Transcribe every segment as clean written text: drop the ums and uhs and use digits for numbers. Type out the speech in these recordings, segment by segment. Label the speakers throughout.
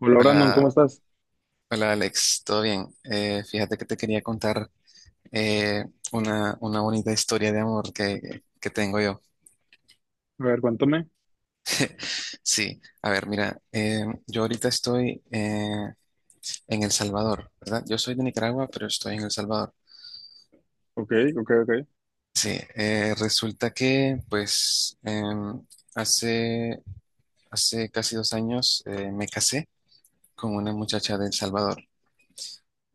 Speaker 1: Hola Brandon, ¿cómo
Speaker 2: Hola,
Speaker 1: estás?
Speaker 2: hola Alex, ¿todo bien? Fíjate que te quería contar eh, una bonita historia de amor que tengo yo.
Speaker 1: A ver, cuéntame.
Speaker 2: Sí, a ver, mira, yo ahorita estoy en El Salvador, ¿verdad? Yo soy de Nicaragua, pero estoy en El Salvador.
Speaker 1: Ok, ok, ok.
Speaker 2: Sí, resulta que pues hace, hace casi 2 años me casé con una muchacha de El Salvador.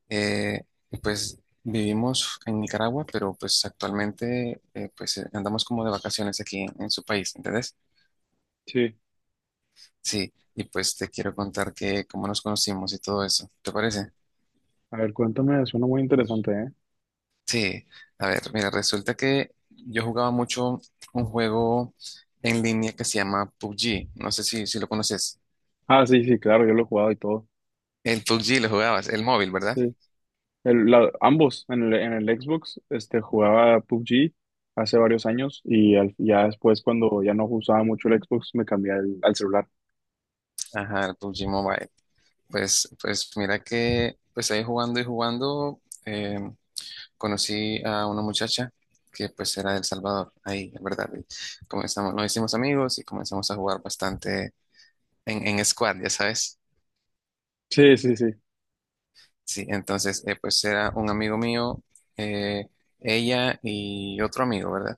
Speaker 2: Eh, pues vivimos en Nicaragua, pero pues actualmente andamos como de vacaciones aquí en su país, ¿entendés?
Speaker 1: Sí,
Speaker 2: Sí, y pues te quiero contar que cómo nos conocimos y todo eso, ¿te parece?
Speaker 1: a ver, cuéntame, suena muy interesante, ¿eh?
Speaker 2: Sí, a ver, mira, resulta que yo jugaba mucho un juego en línea que se llama PUBG, no sé si lo conoces.
Speaker 1: Ah, sí, sí, claro, yo lo he jugado y todo.
Speaker 2: El PUBG lo jugabas, el móvil, ¿verdad?
Speaker 1: Sí, ambos, en el Xbox, este, jugaba PUBG hace varios años y ya después cuando ya no usaba mucho el Xbox me cambié al celular.
Speaker 2: Ajá, el PUBG Mobile. Pues mira que pues ahí jugando y jugando conocí a una muchacha que pues era de El Salvador, ahí, en verdad. Y comenzamos, nos hicimos amigos y comenzamos a jugar bastante en squad, ya sabes.
Speaker 1: Sí, sí, sí,
Speaker 2: Sí, entonces pues era un amigo mío, eh, ella y otro amigo, ¿verdad?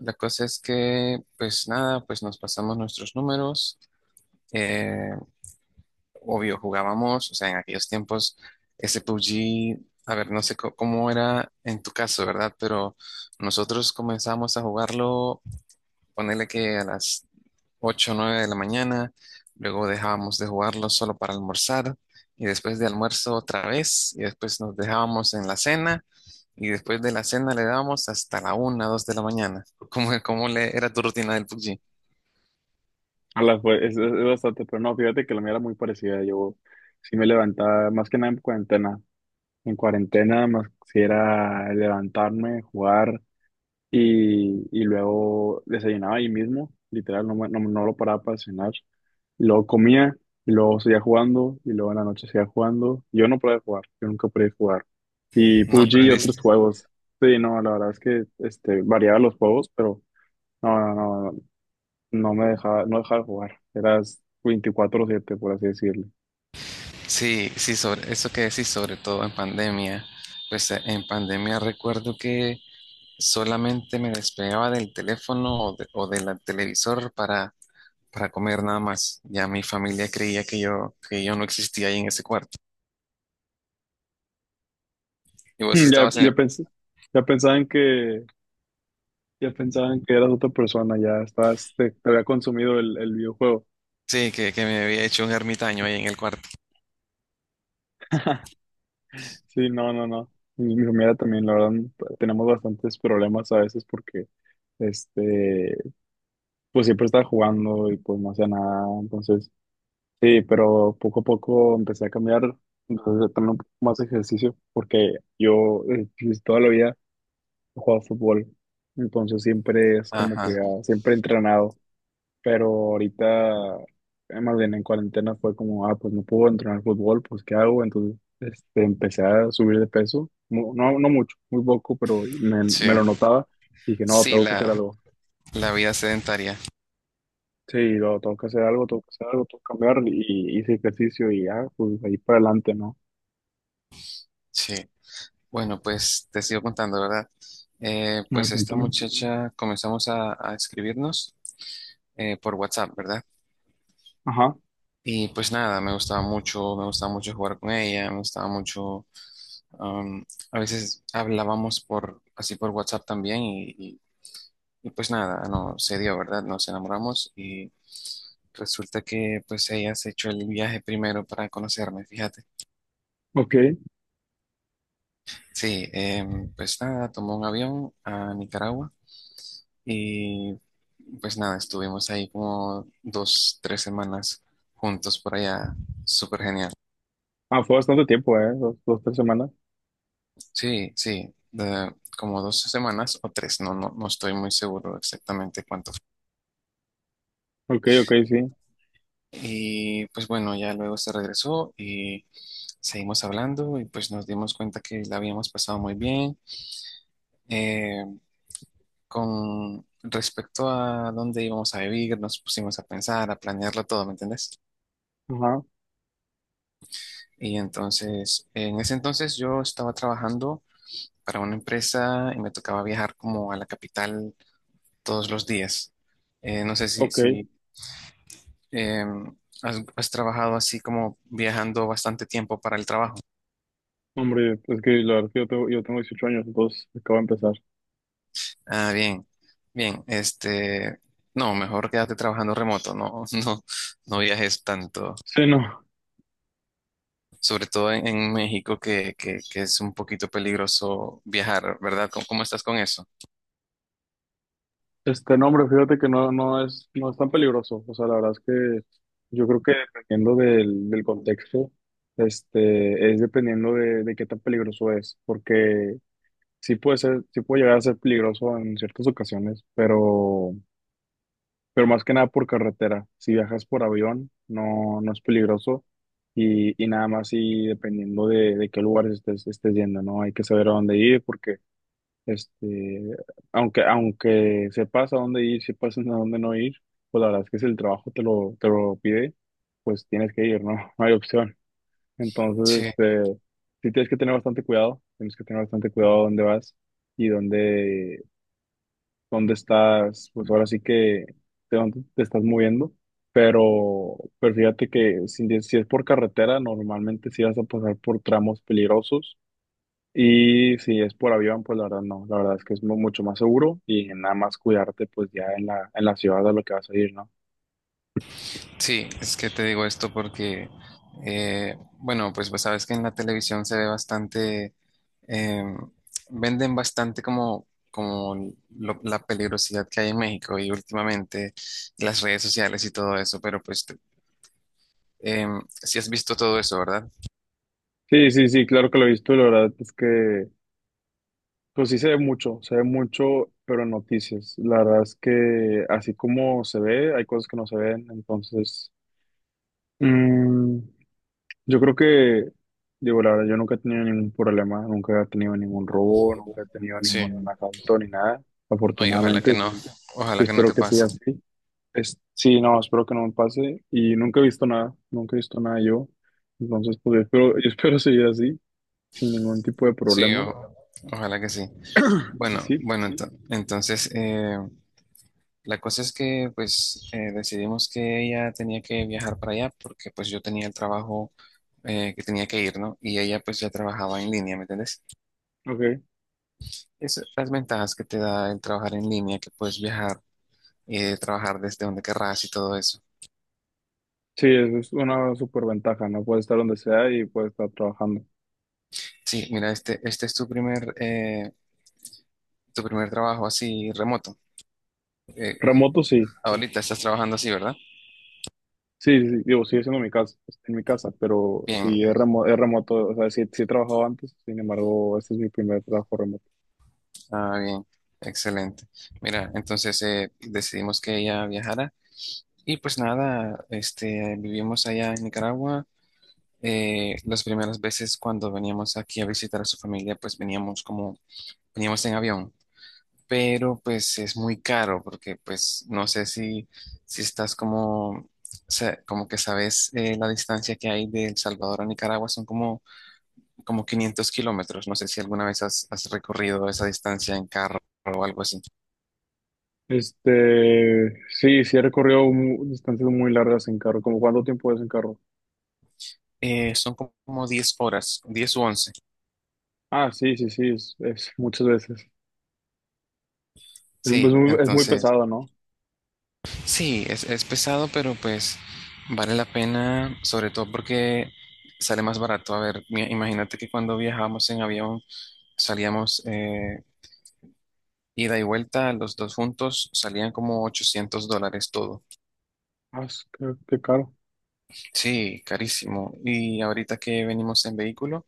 Speaker 2: La cosa es que pues nada, pues nos pasamos nuestros números. eh, obvio, jugábamos, o sea, en aquellos tiempos ese PUBG, a ver, no sé cómo era en tu caso, ¿verdad? Pero nosotros comenzamos a jugarlo ponerle que a las 8 o 9 de la mañana, luego dejábamos de jugarlo solo para almorzar y después de almuerzo otra vez y después nos dejábamos en la cena y después de la cena le dábamos hasta la una 2 de la mañana. ¿Cómo le era tu rutina del PUBG?
Speaker 1: a la, fue- es bastante, pero no, fíjate que la mía era muy parecida. Yo sí me levantaba, más que nada en cuarentena. En cuarentena más, si era levantarme, jugar. Y luego desayunaba ahí mismo, literal, no, no, no lo paraba para cenar. Y luego comía, y luego seguía jugando, y luego en la noche seguía jugando. Yo no podía jugar, yo nunca podía jugar. Y
Speaker 2: No, uy,
Speaker 1: PUBG y otros
Speaker 2: aprendiste mucho.
Speaker 1: juegos. Sí, no, la verdad es que este, variaba los juegos, pero no, no, no, no me dejaba, no dejaba de jugar. Eras 24/7, por así decirlo.
Speaker 2: Sí, sí, sobre eso que decís, sobre todo en pandemia. Pues en pandemia recuerdo que solamente me despegaba del teléfono o, o del televisor para comer nada más. Ya mi familia creía que yo no existía ahí en ese cuarto. Y vos
Speaker 1: Mm, ya,
Speaker 2: estabas
Speaker 1: ya
Speaker 2: en...
Speaker 1: pensé. Ya pensaban que, ya pensaban que eras otra persona, ya estabas, te había consumido el videojuego.
Speaker 2: Sí, que me había hecho un ermitaño ahí en el cuarto.
Speaker 1: Sí, no, no, no. Mi familia también, la verdad, tenemos bastantes problemas a veces porque, este, pues siempre estaba jugando y pues no hacía nada. Entonces, sí, pero poco a poco empecé a cambiar, entonces a tener un poco más de ejercicio, porque yo pues, toda la vida he jugado fútbol. Entonces siempre es como que
Speaker 2: Ajá,
Speaker 1: ah, siempre he entrenado, pero ahorita, más bien en cuarentena fue como, ah, pues no puedo entrenar fútbol, pues ¿qué hago? Entonces, este, empecé a subir de peso, no, no mucho, muy poco, pero me lo
Speaker 2: sí.
Speaker 1: notaba y dije, no,
Speaker 2: Sí,
Speaker 1: tengo que hacer
Speaker 2: la,
Speaker 1: algo.
Speaker 2: la vida sedentaria.
Speaker 1: Sí, no, tengo que hacer algo, tengo que hacer algo, tengo que cambiar y hice ejercicio y ya, pues ahí para adelante, ¿no?
Speaker 2: Sí. Bueno, pues te sigo contando, ¿verdad?
Speaker 1: A ver,
Speaker 2: Pues esta
Speaker 1: cuéntame.
Speaker 2: muchacha comenzamos a escribirnos por WhatsApp, ¿verdad?
Speaker 1: Ajá,
Speaker 2: Y pues nada, me gustaba mucho jugar con ella, me gustaba mucho, um, a veces hablábamos por, así por WhatsApp también. Y pues nada, no se dio, ¿verdad? Nos enamoramos y resulta que pues ella se echó el viaje primero para conocerme, fíjate.
Speaker 1: ok.
Speaker 2: Sí, pues nada, tomó un avión a Nicaragua y pues nada, estuvimos ahí como 2, 3 semanas juntos por allá, súper genial.
Speaker 1: Ah, fue bastante tiempo, ¿eh? 2, 2, 3 semanas.
Speaker 2: Sí, sí, como dos semanas o tres, no, no, no estoy muy seguro exactamente cuánto.
Speaker 1: Ok, ok, sí.
Speaker 2: Y pues bueno, ya luego se regresó y seguimos hablando y pues nos dimos cuenta que la habíamos pasado muy bien. Eh, con respecto a dónde íbamos a vivir, nos pusimos a pensar, a planearlo todo, ¿me entendés?
Speaker 1: Ajá,
Speaker 2: Y entonces, en ese entonces yo estaba trabajando para una empresa y me tocaba viajar como a la capital todos los días. No sé si,
Speaker 1: ok.
Speaker 2: si em, has trabajado así como viajando bastante tiempo para el trabajo.
Speaker 1: Hombre, es que la verdad es que yo tengo 18 años, entonces acabo de empezar.
Speaker 2: Ah, bien, bien, este, no, mejor quédate trabajando remoto, no, no, no viajes tanto,
Speaker 1: Sí, no.
Speaker 2: sobre todo en México que es un poquito peligroso viajar, ¿verdad? ¿Cómo estás con eso?
Speaker 1: Este nombre, fíjate que no, no es tan peligroso. O sea, la verdad es que yo creo que dependiendo del contexto, este, es dependiendo de qué tan peligroso es. Porque sí puede ser, sí puede llegar a ser peligroso en ciertas ocasiones, pero, más que nada por carretera. Si viajas por avión, no, no es peligroso. Y nada más, y dependiendo de qué lugares estés yendo, ¿no? Hay que saber a dónde ir, porque este, aunque sepas a dónde ir, sepas a dónde no ir, pues la verdad es que si el trabajo te lo pide, pues tienes que ir, ¿no? No hay opción. Entonces,
Speaker 2: Sí,
Speaker 1: este, sí tienes que tener bastante cuidado, tienes que tener bastante cuidado a dónde vas y dónde estás, pues ahora sí que de dónde te estás moviendo. Pero fíjate que si es por carretera, normalmente sí vas a pasar por tramos peligrosos, y si es por avión, pues la verdad no, la verdad es que es mucho más seguro, y nada más cuidarte pues ya en la ciudad a lo que vas a ir, ¿no?
Speaker 2: sí, es que te digo esto porque, bueno, pues sabes que en la televisión se ve bastante, eh, venden bastante como, como la peligrosidad que hay en México y últimamente las redes sociales y todo eso, pero pues te, si has visto todo eso, ¿verdad?
Speaker 1: Sí, sí, sí, claro que lo he visto, y la verdad es que pues sí se ve mucho, pero en noticias, la verdad es que así como se ve, hay cosas que no se ven. Entonces, mm, yo creo que, digo, la verdad, yo nunca he tenido ningún problema, nunca he tenido ningún robo, nunca he tenido
Speaker 2: Sí.
Speaker 1: ningún asalto ni nada,
Speaker 2: No, y ojalá
Speaker 1: afortunadamente,
Speaker 2: que no.
Speaker 1: y
Speaker 2: Ojalá que no
Speaker 1: espero
Speaker 2: te
Speaker 1: que
Speaker 2: pase.
Speaker 1: siga así. Sí, no, espero que no me pase. Y nunca he visto nada, nunca he visto nada yo. Entonces, pues yo espero, yo espero seguir así, sin ningún tipo de
Speaker 2: Sí,
Speaker 1: problema.
Speaker 2: ojalá que sí.
Speaker 1: Y
Speaker 2: Bueno,
Speaker 1: sí,
Speaker 2: bueno, entonces la cosa es que pues decidimos que ella tenía que viajar para allá porque pues yo tenía el trabajo que tenía que ir, ¿no? Y ella pues ya trabajaba en línea, ¿me entiendes?
Speaker 1: ok.
Speaker 2: Esas las ventajas que te da el trabajar en línea, que puedes viajar y trabajar desde donde querrás y todo eso.
Speaker 1: Sí, eso es una super ventaja, ¿no? Puedes estar donde sea y puedes estar trabajando.
Speaker 2: Sí, mira, este es tu primer trabajo así remoto. Eh,
Speaker 1: Remoto, sí.
Speaker 2: Ahorita estás trabajando así, ¿verdad?
Speaker 1: Sí, sí, sí, digo, sigue siendo mi casa, en mi casa, pero
Speaker 2: Bien,
Speaker 1: sí es es remoto, o sea, sí, sí he trabajado antes, sin embargo, este es mi primer trabajo remoto.
Speaker 2: ah, bien, excelente. Mira, entonces decidimos que ella viajara y pues nada, este, vivimos allá en Nicaragua. Las primeras veces cuando veníamos aquí a visitar a su familia, pues veníamos en avión, pero pues es muy caro porque pues no sé si estás como, o como que sabes la distancia que hay de El Salvador a Nicaragua, son como 500 kilómetros. No sé si alguna vez has recorrido esa distancia en carro o algo así.
Speaker 1: Este, sí, sí he recorrido distancias muy largas en carro. ¿Como cuánto tiempo es en carro?
Speaker 2: Son como 10 horas, 10 u 11.
Speaker 1: Ah, sí, sí, sí, es muchas veces. Es, es
Speaker 2: Sí,
Speaker 1: muy, es muy
Speaker 2: entonces,
Speaker 1: pesado, ¿no?
Speaker 2: sí, es pesado, pero pues vale la pena, sobre todo porque sale más barato. A ver, imagínate que cuando viajábamos en avión, salíamos ida y vuelta, los dos juntos, salían como $800 todo.
Speaker 1: Ah, qué caro.
Speaker 2: Sí, carísimo. Y ahorita que venimos en vehículo,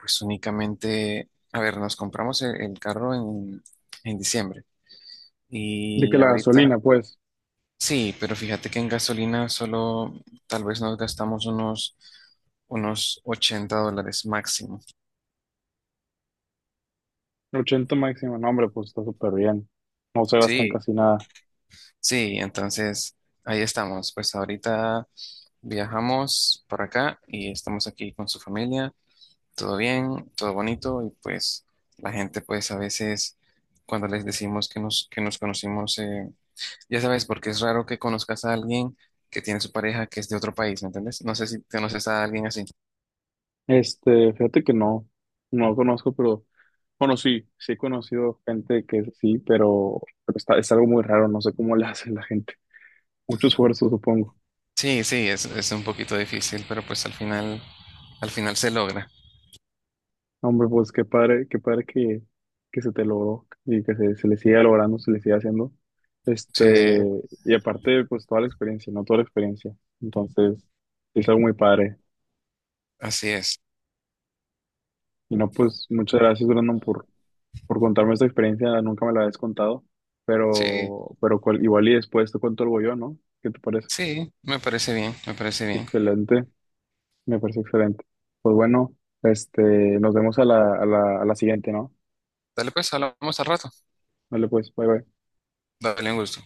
Speaker 2: pues únicamente, a ver, nos compramos el carro en diciembre
Speaker 1: De que
Speaker 2: y
Speaker 1: la
Speaker 2: ahorita,
Speaker 1: gasolina, pues,
Speaker 2: sí, pero fíjate que en gasolina solo tal vez nos gastamos unos $80 máximo.
Speaker 1: 80 máximo, no, hombre, pues está súper bien. No se gastan
Speaker 2: Sí,
Speaker 1: casi nada.
Speaker 2: sí, entonces ahí estamos. Pues ahorita viajamos por acá y estamos aquí con su familia, todo bien, todo bonito y pues la gente pues a veces cuando les decimos que nos conocimos, ya sabes, porque es raro que conozcas a alguien que tiene su pareja que es de otro país, ¿me entiendes? No sé si conoces a alguien así.
Speaker 1: Este, fíjate que no, no conozco, pero, bueno, sí, sí he conocido gente que sí, pero es algo muy raro, no sé cómo le hace la gente. Mucho esfuerzo, supongo.
Speaker 2: Sí, sí, es un poquito difícil, pero pues al final se logra.
Speaker 1: Hombre, pues qué padre que se te logró, y que se le siga logrando, se le siga haciendo.
Speaker 2: Sí,
Speaker 1: Este, y aparte, pues toda la experiencia, ¿no? Toda la experiencia. Entonces, es algo muy padre.
Speaker 2: así es.
Speaker 1: Y no, pues muchas gracias, Brandon, por contarme esta experiencia. Nunca me la habías contado,
Speaker 2: Sí,
Speaker 1: pero igual y después te cuento algo yo, ¿no? ¿Qué te parece?
Speaker 2: sí, me parece bien, me parece bien.
Speaker 1: Excelente, me parece excelente. Pues bueno, este, nos vemos a la siguiente, ¿no?
Speaker 2: Dale pues, hablamos al rato.
Speaker 1: Vale, pues, bye bye.
Speaker 2: Dale un gusto.